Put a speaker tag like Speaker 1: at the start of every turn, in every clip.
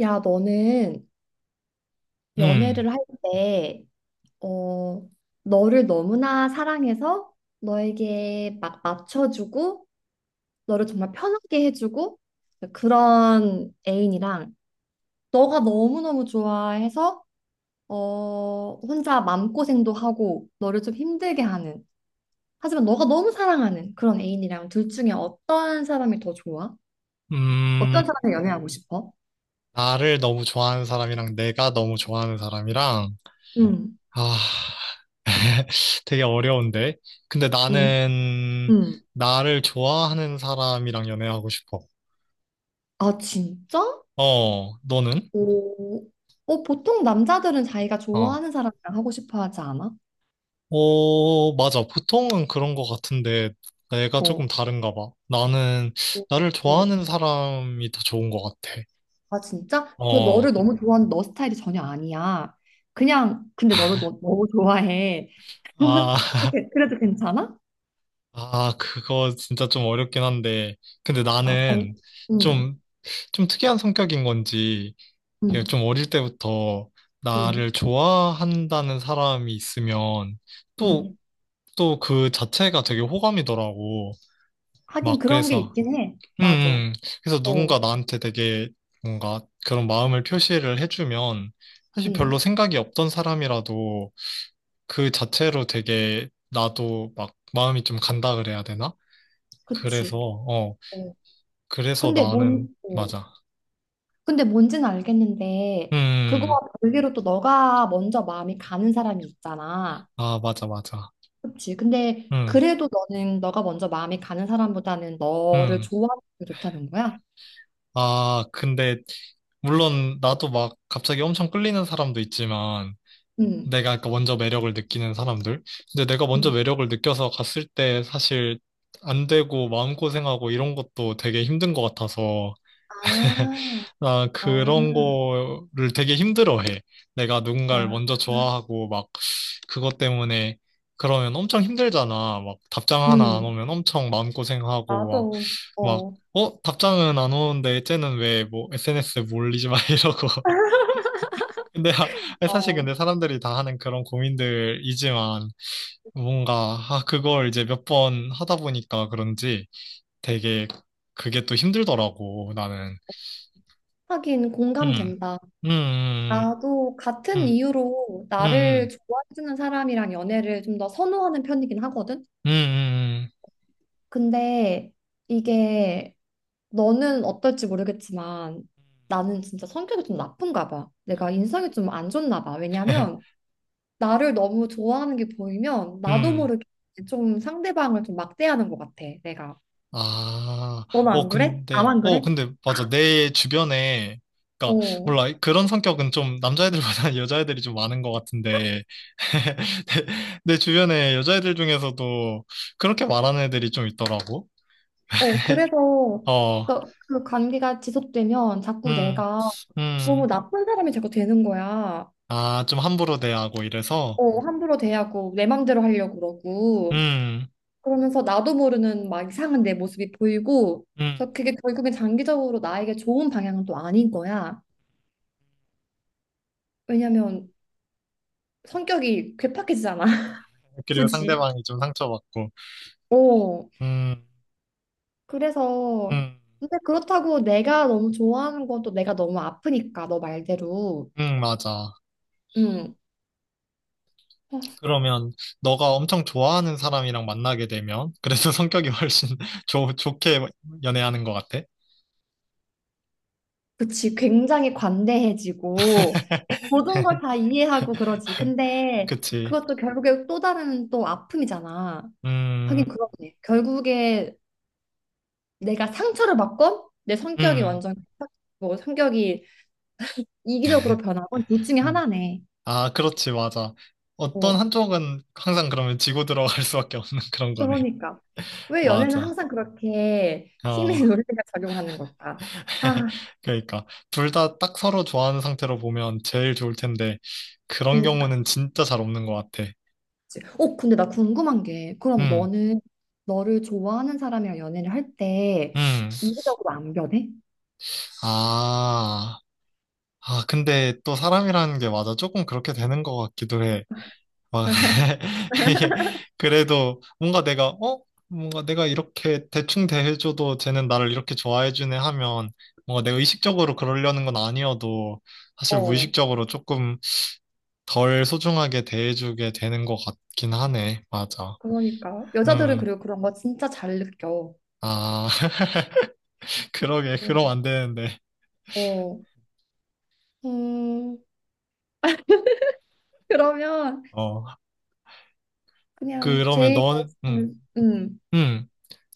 Speaker 1: 야, 너는
Speaker 2: 음,
Speaker 1: 연애를 할 때, 어, 너를 너무나 사랑해서 너에게 막 맞춰주고, 너를 정말 편하게 해주고, 그런 애인이랑, 너가 너무너무 좋아해서, 혼자 마음고생도 하고, 너를 좀 힘들게 하는, 하지만 너가 너무 사랑하는 그런 애인이랑 둘 중에 어떤 사람이 더 좋아? 어떤
Speaker 2: 음,
Speaker 1: 사람을 연애하고 싶어?
Speaker 2: 나를 너무 좋아하는 사람이랑 내가 너무 좋아하는 사람이랑,
Speaker 1: 응,
Speaker 2: 아, 되게 어려운데. 근데
Speaker 1: 응,
Speaker 2: 나는
Speaker 1: 응.
Speaker 2: 나를 좋아하는 사람이랑 연애하고 싶어.
Speaker 1: 아, 진짜?
Speaker 2: 어, 너는?
Speaker 1: 오, 보통 남자들은 자기가
Speaker 2: 어,
Speaker 1: 좋아하는 사람이랑 하고 싶어 하지 않아?
Speaker 2: 어, 맞아. 보통은 그런 것 같은데 내가
Speaker 1: 어,
Speaker 2: 조금 다른가 봐. 나는
Speaker 1: 어,
Speaker 2: 나를
Speaker 1: 어.
Speaker 2: 좋아하는 사람이 더 좋은 것 같아.
Speaker 1: 아, 진짜? 근데 너를
Speaker 2: 어,
Speaker 1: 너무 좋아하는 너 스타일이 전혀 아니야. 그냥, 근데 너무 좋아해.
Speaker 2: 아,
Speaker 1: 그래도 괜찮아?
Speaker 2: 아, 그거 진짜 좀 어렵긴 한데. 근데
Speaker 1: 아,
Speaker 2: 나는
Speaker 1: 음,
Speaker 2: 좀 좀 특이한 성격인 건지, 이게
Speaker 1: 음,
Speaker 2: 좀 어릴 때부터
Speaker 1: 음,
Speaker 2: 나를 좋아한다는 사람이 있으면 또,
Speaker 1: 음.
Speaker 2: 또 그 자체가 되게 호감이더라고.
Speaker 1: 하긴
Speaker 2: 막
Speaker 1: 그런 게
Speaker 2: 그래서,
Speaker 1: 있긴 해.
Speaker 2: 음,
Speaker 1: 맞아.
Speaker 2: 음. 그래서
Speaker 1: 어,
Speaker 2: 누군가 나한테 되게 뭔가 그런 마음을 표시를 해주면 사실 별로
Speaker 1: 음,
Speaker 2: 생각이 없던 사람이라도 그 자체로 되게 나도 막 마음이 좀 간다 그래야 되나? 그래서,
Speaker 1: 그치.
Speaker 2: 어,
Speaker 1: 어.
Speaker 2: 그래서
Speaker 1: 근데
Speaker 2: 나는,
Speaker 1: 뭔, 어.
Speaker 2: 맞아.
Speaker 1: 근데 뭔지는 알겠는데,
Speaker 2: 음, 음.
Speaker 1: 그거와 별개로 또 너가 먼저 마음이 가는 사람이 있잖아.
Speaker 2: 아, 맞아, 맞아.
Speaker 1: 그치. 근데
Speaker 2: 음.
Speaker 1: 그래도 너는 너가 먼저 마음이 가는 사람보다는 너를
Speaker 2: 음.
Speaker 1: 좋아하는 게 좋다는 거야?
Speaker 2: 아, 근데, 물론, 나도 막 갑자기 엄청 끌리는 사람도 있지만,
Speaker 1: 응.
Speaker 2: 내가 아까 먼저 매력을 느끼는 사람들. 근데 내가 먼저
Speaker 1: 응.
Speaker 2: 매력을 느껴서 갔을 때 사실 안 되고 마음고생하고 이런 것도 되게 힘든 것 같아서,
Speaker 1: 아,
Speaker 2: 나
Speaker 1: 아,
Speaker 2: 그런 거를 되게 힘들어해. 내가
Speaker 1: 아,
Speaker 2: 누군가를 먼저 좋아하고 막 그것 때문에 그러면 엄청 힘들잖아. 막 답장 하나 안
Speaker 1: 응.
Speaker 2: 오면 엄청
Speaker 1: 맞아.
Speaker 2: 마음고생하고 막,
Speaker 1: 어,
Speaker 2: 답장은 안 오는데 쟤는 왜 뭐 SNS에 뭐 올리지 마 이러고. 근데 아, 사실
Speaker 1: 어.
Speaker 2: 근데 사람들이 다 하는 그런 고민들이지만 뭔가 아, 그걸 이제 몇 번 하다 보니까 그런지 되게 그게 또 힘들더라고 나는.
Speaker 1: 하긴
Speaker 2: 음,
Speaker 1: 공감된다.
Speaker 2: 음,
Speaker 1: 나도 같은
Speaker 2: 음,
Speaker 1: 이유로
Speaker 2: 음,
Speaker 1: 나를
Speaker 2: 음,
Speaker 1: 좋아해주는 사람이랑 연애를 좀 더 선호하는 편이긴 하거든?
Speaker 2: 음, 음, 음, 음.
Speaker 1: 근데 이게 너는 어떨지 모르겠지만 나는 진짜 성격이 좀 나쁜가 봐. 내가 인성이 좀 안 좋나 봐. 왜냐면 나를 너무 좋아하는 게 보이면 나도
Speaker 2: 음.
Speaker 1: 모르게 좀 상대방을 좀 막대하는 것 같아, 내가.
Speaker 2: 아,
Speaker 1: 너는
Speaker 2: 어,
Speaker 1: 안 그래?
Speaker 2: 근데,
Speaker 1: 나만
Speaker 2: 어,
Speaker 1: 그래?
Speaker 2: 근데, 맞아. 내 주변에, 그니까,
Speaker 1: 어,
Speaker 2: 몰라. 그런 성격은 좀 남자애들보다 여자애들이 좀 많은 것 같은데, 내 주변에 여자애들 중에서도 그렇게 말하는 애들이 좀 있더라고.
Speaker 1: 어, 그래서
Speaker 2: 어,
Speaker 1: 그 관계가 지속되면 자꾸
Speaker 2: 음,
Speaker 1: 내가 너무
Speaker 2: 음.
Speaker 1: 나쁜 사람이 자꾸 되는 거야.
Speaker 2: 아, 좀 함부로 대하고 이래서,
Speaker 1: 어, 함부로 대하고 내 맘대로 하려고 그러고
Speaker 2: 음,
Speaker 1: 그러면서 나도 모르는 막 이상한 내 모습이 보이고
Speaker 2: 음.
Speaker 1: 그래서 그게 결국엔 장기적으로 나에게 좋은 방향은 또 아닌 거야. 왜냐면 성격이 괴팍해지잖아.
Speaker 2: 그리고
Speaker 1: 굳이.
Speaker 2: 상대방이 좀 상처받고,
Speaker 1: 어.
Speaker 2: 음,
Speaker 1: 그래서
Speaker 2: 음,
Speaker 1: 근데 그렇다고 내가 너무 좋아하는 건 또 내가 너무 아프니까 너 말대로
Speaker 2: 맞아.
Speaker 1: 음 어,
Speaker 2: 그러면 너가 엄청 좋아하는 사람이랑 만나게 되면 그래서 성격이 훨씬 좋게 연애하는 것 같아.
Speaker 1: 그치. 굉장히 관대해지고 모든 걸 다 이해하고 그러지. 근데
Speaker 2: 그치?
Speaker 1: 그것도 결국에 또 다른 또 아픔이잖아. 하긴
Speaker 2: 음,
Speaker 1: 그렇네. 결국에 내가 상처를 받건 내 성격이
Speaker 2: 음,
Speaker 1: 완전 뭐 성격이 이기적으로 변하건 둘 중에
Speaker 2: 음.
Speaker 1: 하나네.
Speaker 2: 아, 그렇지, 맞아. 어떤
Speaker 1: 어,
Speaker 2: 한쪽은 항상 그러면 지고 들어갈 수밖에 없는 그런 거네.
Speaker 1: 그러니까. 왜 연애는
Speaker 2: 맞아.
Speaker 1: 항상 그렇게
Speaker 2: 어,
Speaker 1: 힘의 논리가 작용하는 걸까? 아,
Speaker 2: 그러니까 둘 다 딱 서로 좋아하는 상태로 보면 제일 좋을 텐데 그런
Speaker 1: 그러니까.
Speaker 2: 경우는 진짜 잘 없는 것 같아.
Speaker 1: 그치. 근데 나 궁금한 게, 그럼
Speaker 2: 음,
Speaker 1: 너는 너를 좋아하는 사람이랑 연애를 할 때
Speaker 2: 음,
Speaker 1: 이기적으로 안 변해?
Speaker 2: 아. 아, 근데 또 사람이라는 게 맞아. 조금 그렇게 되는 것 같기도 해. 막, 이게, 그래도 뭔가 내가, 어? 뭔가 내가 이렇게 대충 대해줘도 쟤는 나를 이렇게 좋아해주네 하면 뭔가 내가 의식적으로 그러려는 건 아니어도 사실
Speaker 1: 어,
Speaker 2: 무의식적으로 조금 덜 소중하게 대해주게 되는 것 같긴 하네. 맞아.
Speaker 1: 그러니까. 여자들은
Speaker 2: 음,
Speaker 1: 그리고 그런 거 진짜 잘 느껴.
Speaker 2: 아, 그러게.
Speaker 1: 어,
Speaker 2: 그럼 안 되는데.
Speaker 1: 어. 음, 그러면
Speaker 2: 어,
Speaker 1: 그냥
Speaker 2: 그러면
Speaker 1: 제일 베스트는,
Speaker 2: 음.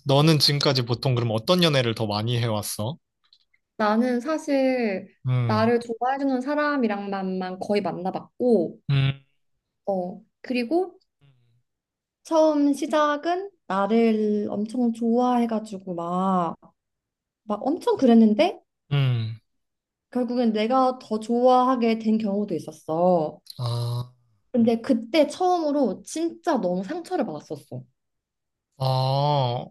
Speaker 2: 너는 지금까지 보통 그럼 어떤 연애를 더 많이 해왔어?
Speaker 1: 나는 사실
Speaker 2: 음,
Speaker 1: 나를 좋아해주는 사람이랑만만 거의 만나봤고,
Speaker 2: 음,
Speaker 1: 어, 그리고 처음 시작은 나를 엄청 좋아해가지고 막, 막 엄청 그랬는데
Speaker 2: 음,
Speaker 1: 결국엔 내가 더 좋아하게 된 경우도 있었어.
Speaker 2: 아,
Speaker 1: 근데 그때 처음으로 진짜 너무 상처를 받았었어.
Speaker 2: 어,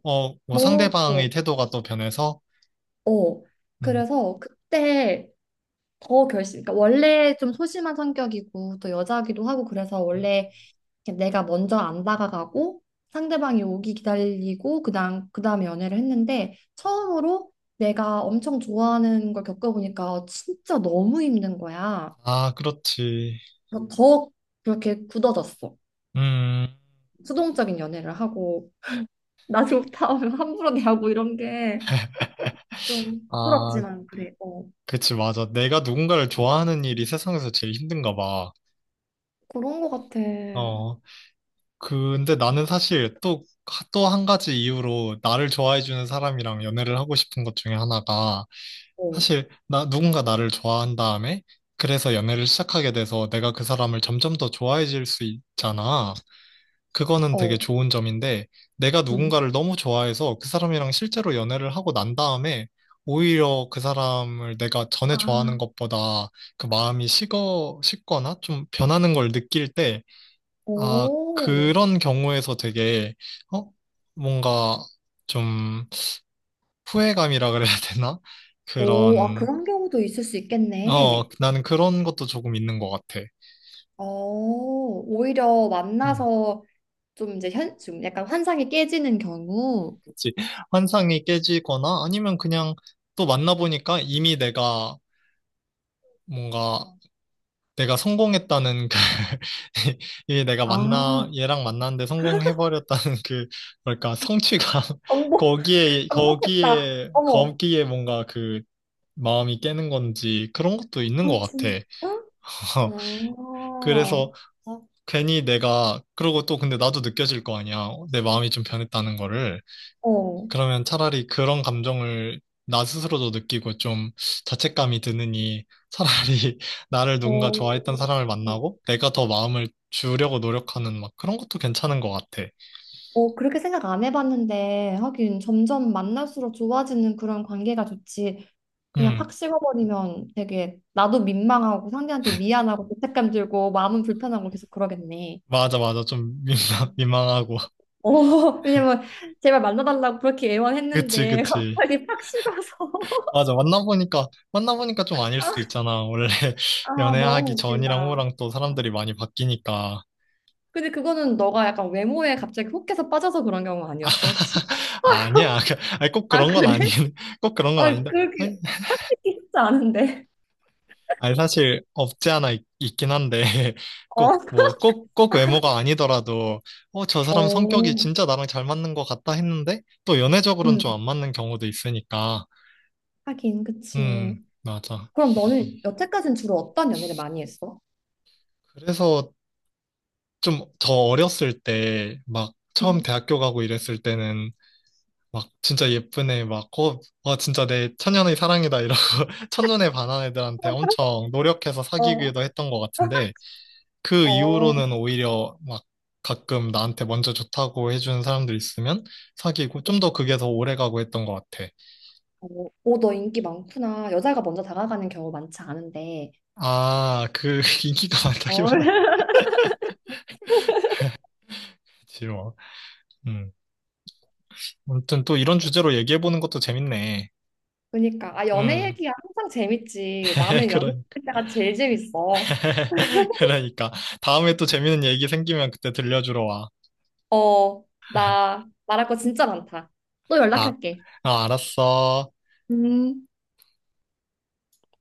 Speaker 2: 어, 뭐
Speaker 1: 어,
Speaker 2: 상대방의 태도가 또 변해서?
Speaker 1: 어.
Speaker 2: 음,
Speaker 1: 그래서 그때 더 결심, 그러니까 원래 좀 소심한 성격이고 또 여자기도 하고 그래서
Speaker 2: 음.
Speaker 1: 원래 이렇게 내가 먼저 안 다가가고 상대방이 오기 기다리고 그다음에 연애를 했는데 처음으로 내가 엄청 좋아하는 걸 겪어보니까 진짜 너무 힘든 거야.
Speaker 2: 아, 그렇지.
Speaker 1: 그래서 더 그렇게 굳어졌어.
Speaker 2: 음,
Speaker 1: 수동적인 연애를 하고 나 좋다 하면 함부로 대하고 이런 게 좀
Speaker 2: 아,
Speaker 1: 부끄럽지만 그래. 어.
Speaker 2: 그치, 맞아. 내가 누군가를 좋아하는 일이 세상에서 제일 힘든가 봐.
Speaker 1: 그런 거 같아.
Speaker 2: 어, 근데 나는 사실 또 한 가지 이유로 나를 좋아해주는 사람이랑 연애를 하고 싶은 것 중에 하나가
Speaker 1: 어,
Speaker 2: 사실 나 누군가 나를 좋아한 다음에 그래서 연애를 시작하게 돼서 내가 그 사람을 점점 더 좋아해질 수 있잖아. 그거는 되게
Speaker 1: 어,
Speaker 2: 좋은 점인데 내가
Speaker 1: 응.
Speaker 2: 누군가를 너무 좋아해서 그 사람이랑 실제로 연애를 하고 난 다음에 오히려 그 사람을 내가 전에
Speaker 1: 아,
Speaker 2: 좋아하는 것보다 그 마음이 식거나 좀 변하는 걸 느낄 때, 아,
Speaker 1: 오,
Speaker 2: 그런 경우에서 되게, 어? 뭔가 좀 후회감이라 그래야 되나?
Speaker 1: 오, 아,
Speaker 2: 그런
Speaker 1: 그런 경우도 있을 수 있겠네.
Speaker 2: 나는 그런 것도 조금 있는 것 같아.
Speaker 1: 어, 오히려
Speaker 2: 음.
Speaker 1: 만나서 좀 이제 좀 약간 환상이 깨지는 경우.
Speaker 2: 그치. 환상이 깨지거나 아니면 그냥 또 만나보니까 이미 내가 뭔가 내가 성공했다는 그, 이미 내가
Speaker 1: 아,
Speaker 2: 얘랑 만났는데 성공해버렸다는 그, 뭐랄까, 성취감.
Speaker 1: 정복,
Speaker 2: 거기에,
Speaker 1: 정복했다.
Speaker 2: 거기에,
Speaker 1: 어머,
Speaker 2: 거기에 뭔가 그 마음이 깨는 건지 그런 것도
Speaker 1: 아,
Speaker 2: 있는 것 같아.
Speaker 1: 진짜? 아, 어,
Speaker 2: 그래서 어, 괜히 내가 그러고 또 근데 나도 느껴질 거 아니야. 내 마음이 좀 변했다는 거를. 그러면 차라리 그런 감정을 나 스스로도 느끼고 좀 자책감이 드느니 차라리 나를 누군가 좋아했던
Speaker 1: 어,
Speaker 2: 사람을 만나고 내가 더 마음을 주려고 노력하는 막 그런 것도 괜찮은 것 같아.
Speaker 1: 어, 그렇게 생각 안 해봤는데, 하긴 점점 만날수록 좋아지는 그런 관계가 좋지. 그냥
Speaker 2: 음,
Speaker 1: 팍 식어버리면 되게 나도 민망하고 상대한테 미안하고 죄책감 들고 마음은 불편하고 계속 그러겠네.
Speaker 2: 맞아, 맞아. 좀 민망, 민망하고.
Speaker 1: 어, 왜냐면 제발 만나달라고 그렇게
Speaker 2: 그치,
Speaker 1: 애원했는데
Speaker 2: 그치.
Speaker 1: 갑자기 팍 식어서
Speaker 2: 맞아. 만나보니까 좀 아닐 수도 있잖아. 원래
Speaker 1: 아, 너무
Speaker 2: 연애하기 전이랑
Speaker 1: 웃긴다.
Speaker 2: 후랑 또 사람들이 많이 바뀌니까.
Speaker 1: 근데 그거는 너가 약간 외모에 갑자기 혹해서 빠져서 그런 경우 아니었어, 혹시?
Speaker 2: 아니야. 아니, 꼭
Speaker 1: 아,
Speaker 2: 그런 건 아닌,
Speaker 1: 그래?
Speaker 2: 꼭 그런 건
Speaker 1: 아,
Speaker 2: 아닌데.
Speaker 1: 그렇게 팍 식기 쉽지 않은데.
Speaker 2: 아니, 사실 없지 않아 있, 긴 한데,
Speaker 1: 어.
Speaker 2: 꼭, 뭐, 꼭 외모가 아니더라도, 어, 저 사람 성격이
Speaker 1: 어,
Speaker 2: 진짜 나랑 잘 맞는 것 같다 했는데, 또 연애적으로는 좀
Speaker 1: 음,
Speaker 2: 안 맞는 경우도 있으니까,
Speaker 1: 하긴, 그치.
Speaker 2: 맞아.
Speaker 1: 그럼 너는 여태까지는 주로 어떤 연애를 많이 했어?
Speaker 2: 그래서 좀 저 어렸을 때, 막, 처음
Speaker 1: 음.
Speaker 2: 대학교 가고 이랬을 때는, 막, 진짜 예쁜 애 막, 와, 진짜 내 천년의 사랑이다, 이러고, 첫눈에 반한 애들한테 엄청 노력해서
Speaker 1: 어.
Speaker 2: 사귀기도 했던 것 같은데, 그
Speaker 1: 어, 어,
Speaker 2: 이후로는 오히려 막 가끔 나한테 먼저 좋다고 해주는 사람들 있으면 사귀고 좀 더 그게 더 오래 가고 했던 것 같아.
Speaker 1: 어, 너 인기 많구나. 여자가 먼저 다가가는 경우 많지 않은데.
Speaker 2: 아, 그 인기가
Speaker 1: 어.
Speaker 2: 많다기보다 그치 뭐. 음. 아무튼 또 이런 주제로 얘기해보는 것도 재밌네.
Speaker 1: 그러니까. 아, 연애
Speaker 2: 음.
Speaker 1: 얘기가 항상 재밌지. 나는 연애
Speaker 2: 그러,
Speaker 1: 얘기 때가 제일 재밌어.
Speaker 2: 그러니까. 다음에 또 재밌는 얘기 생기면 그때 들려주러 와.
Speaker 1: 어, 나 말할 거 진짜 많다. 또
Speaker 2: 아,
Speaker 1: 연락할게.
Speaker 2: 아, 알았어.
Speaker 1: 음.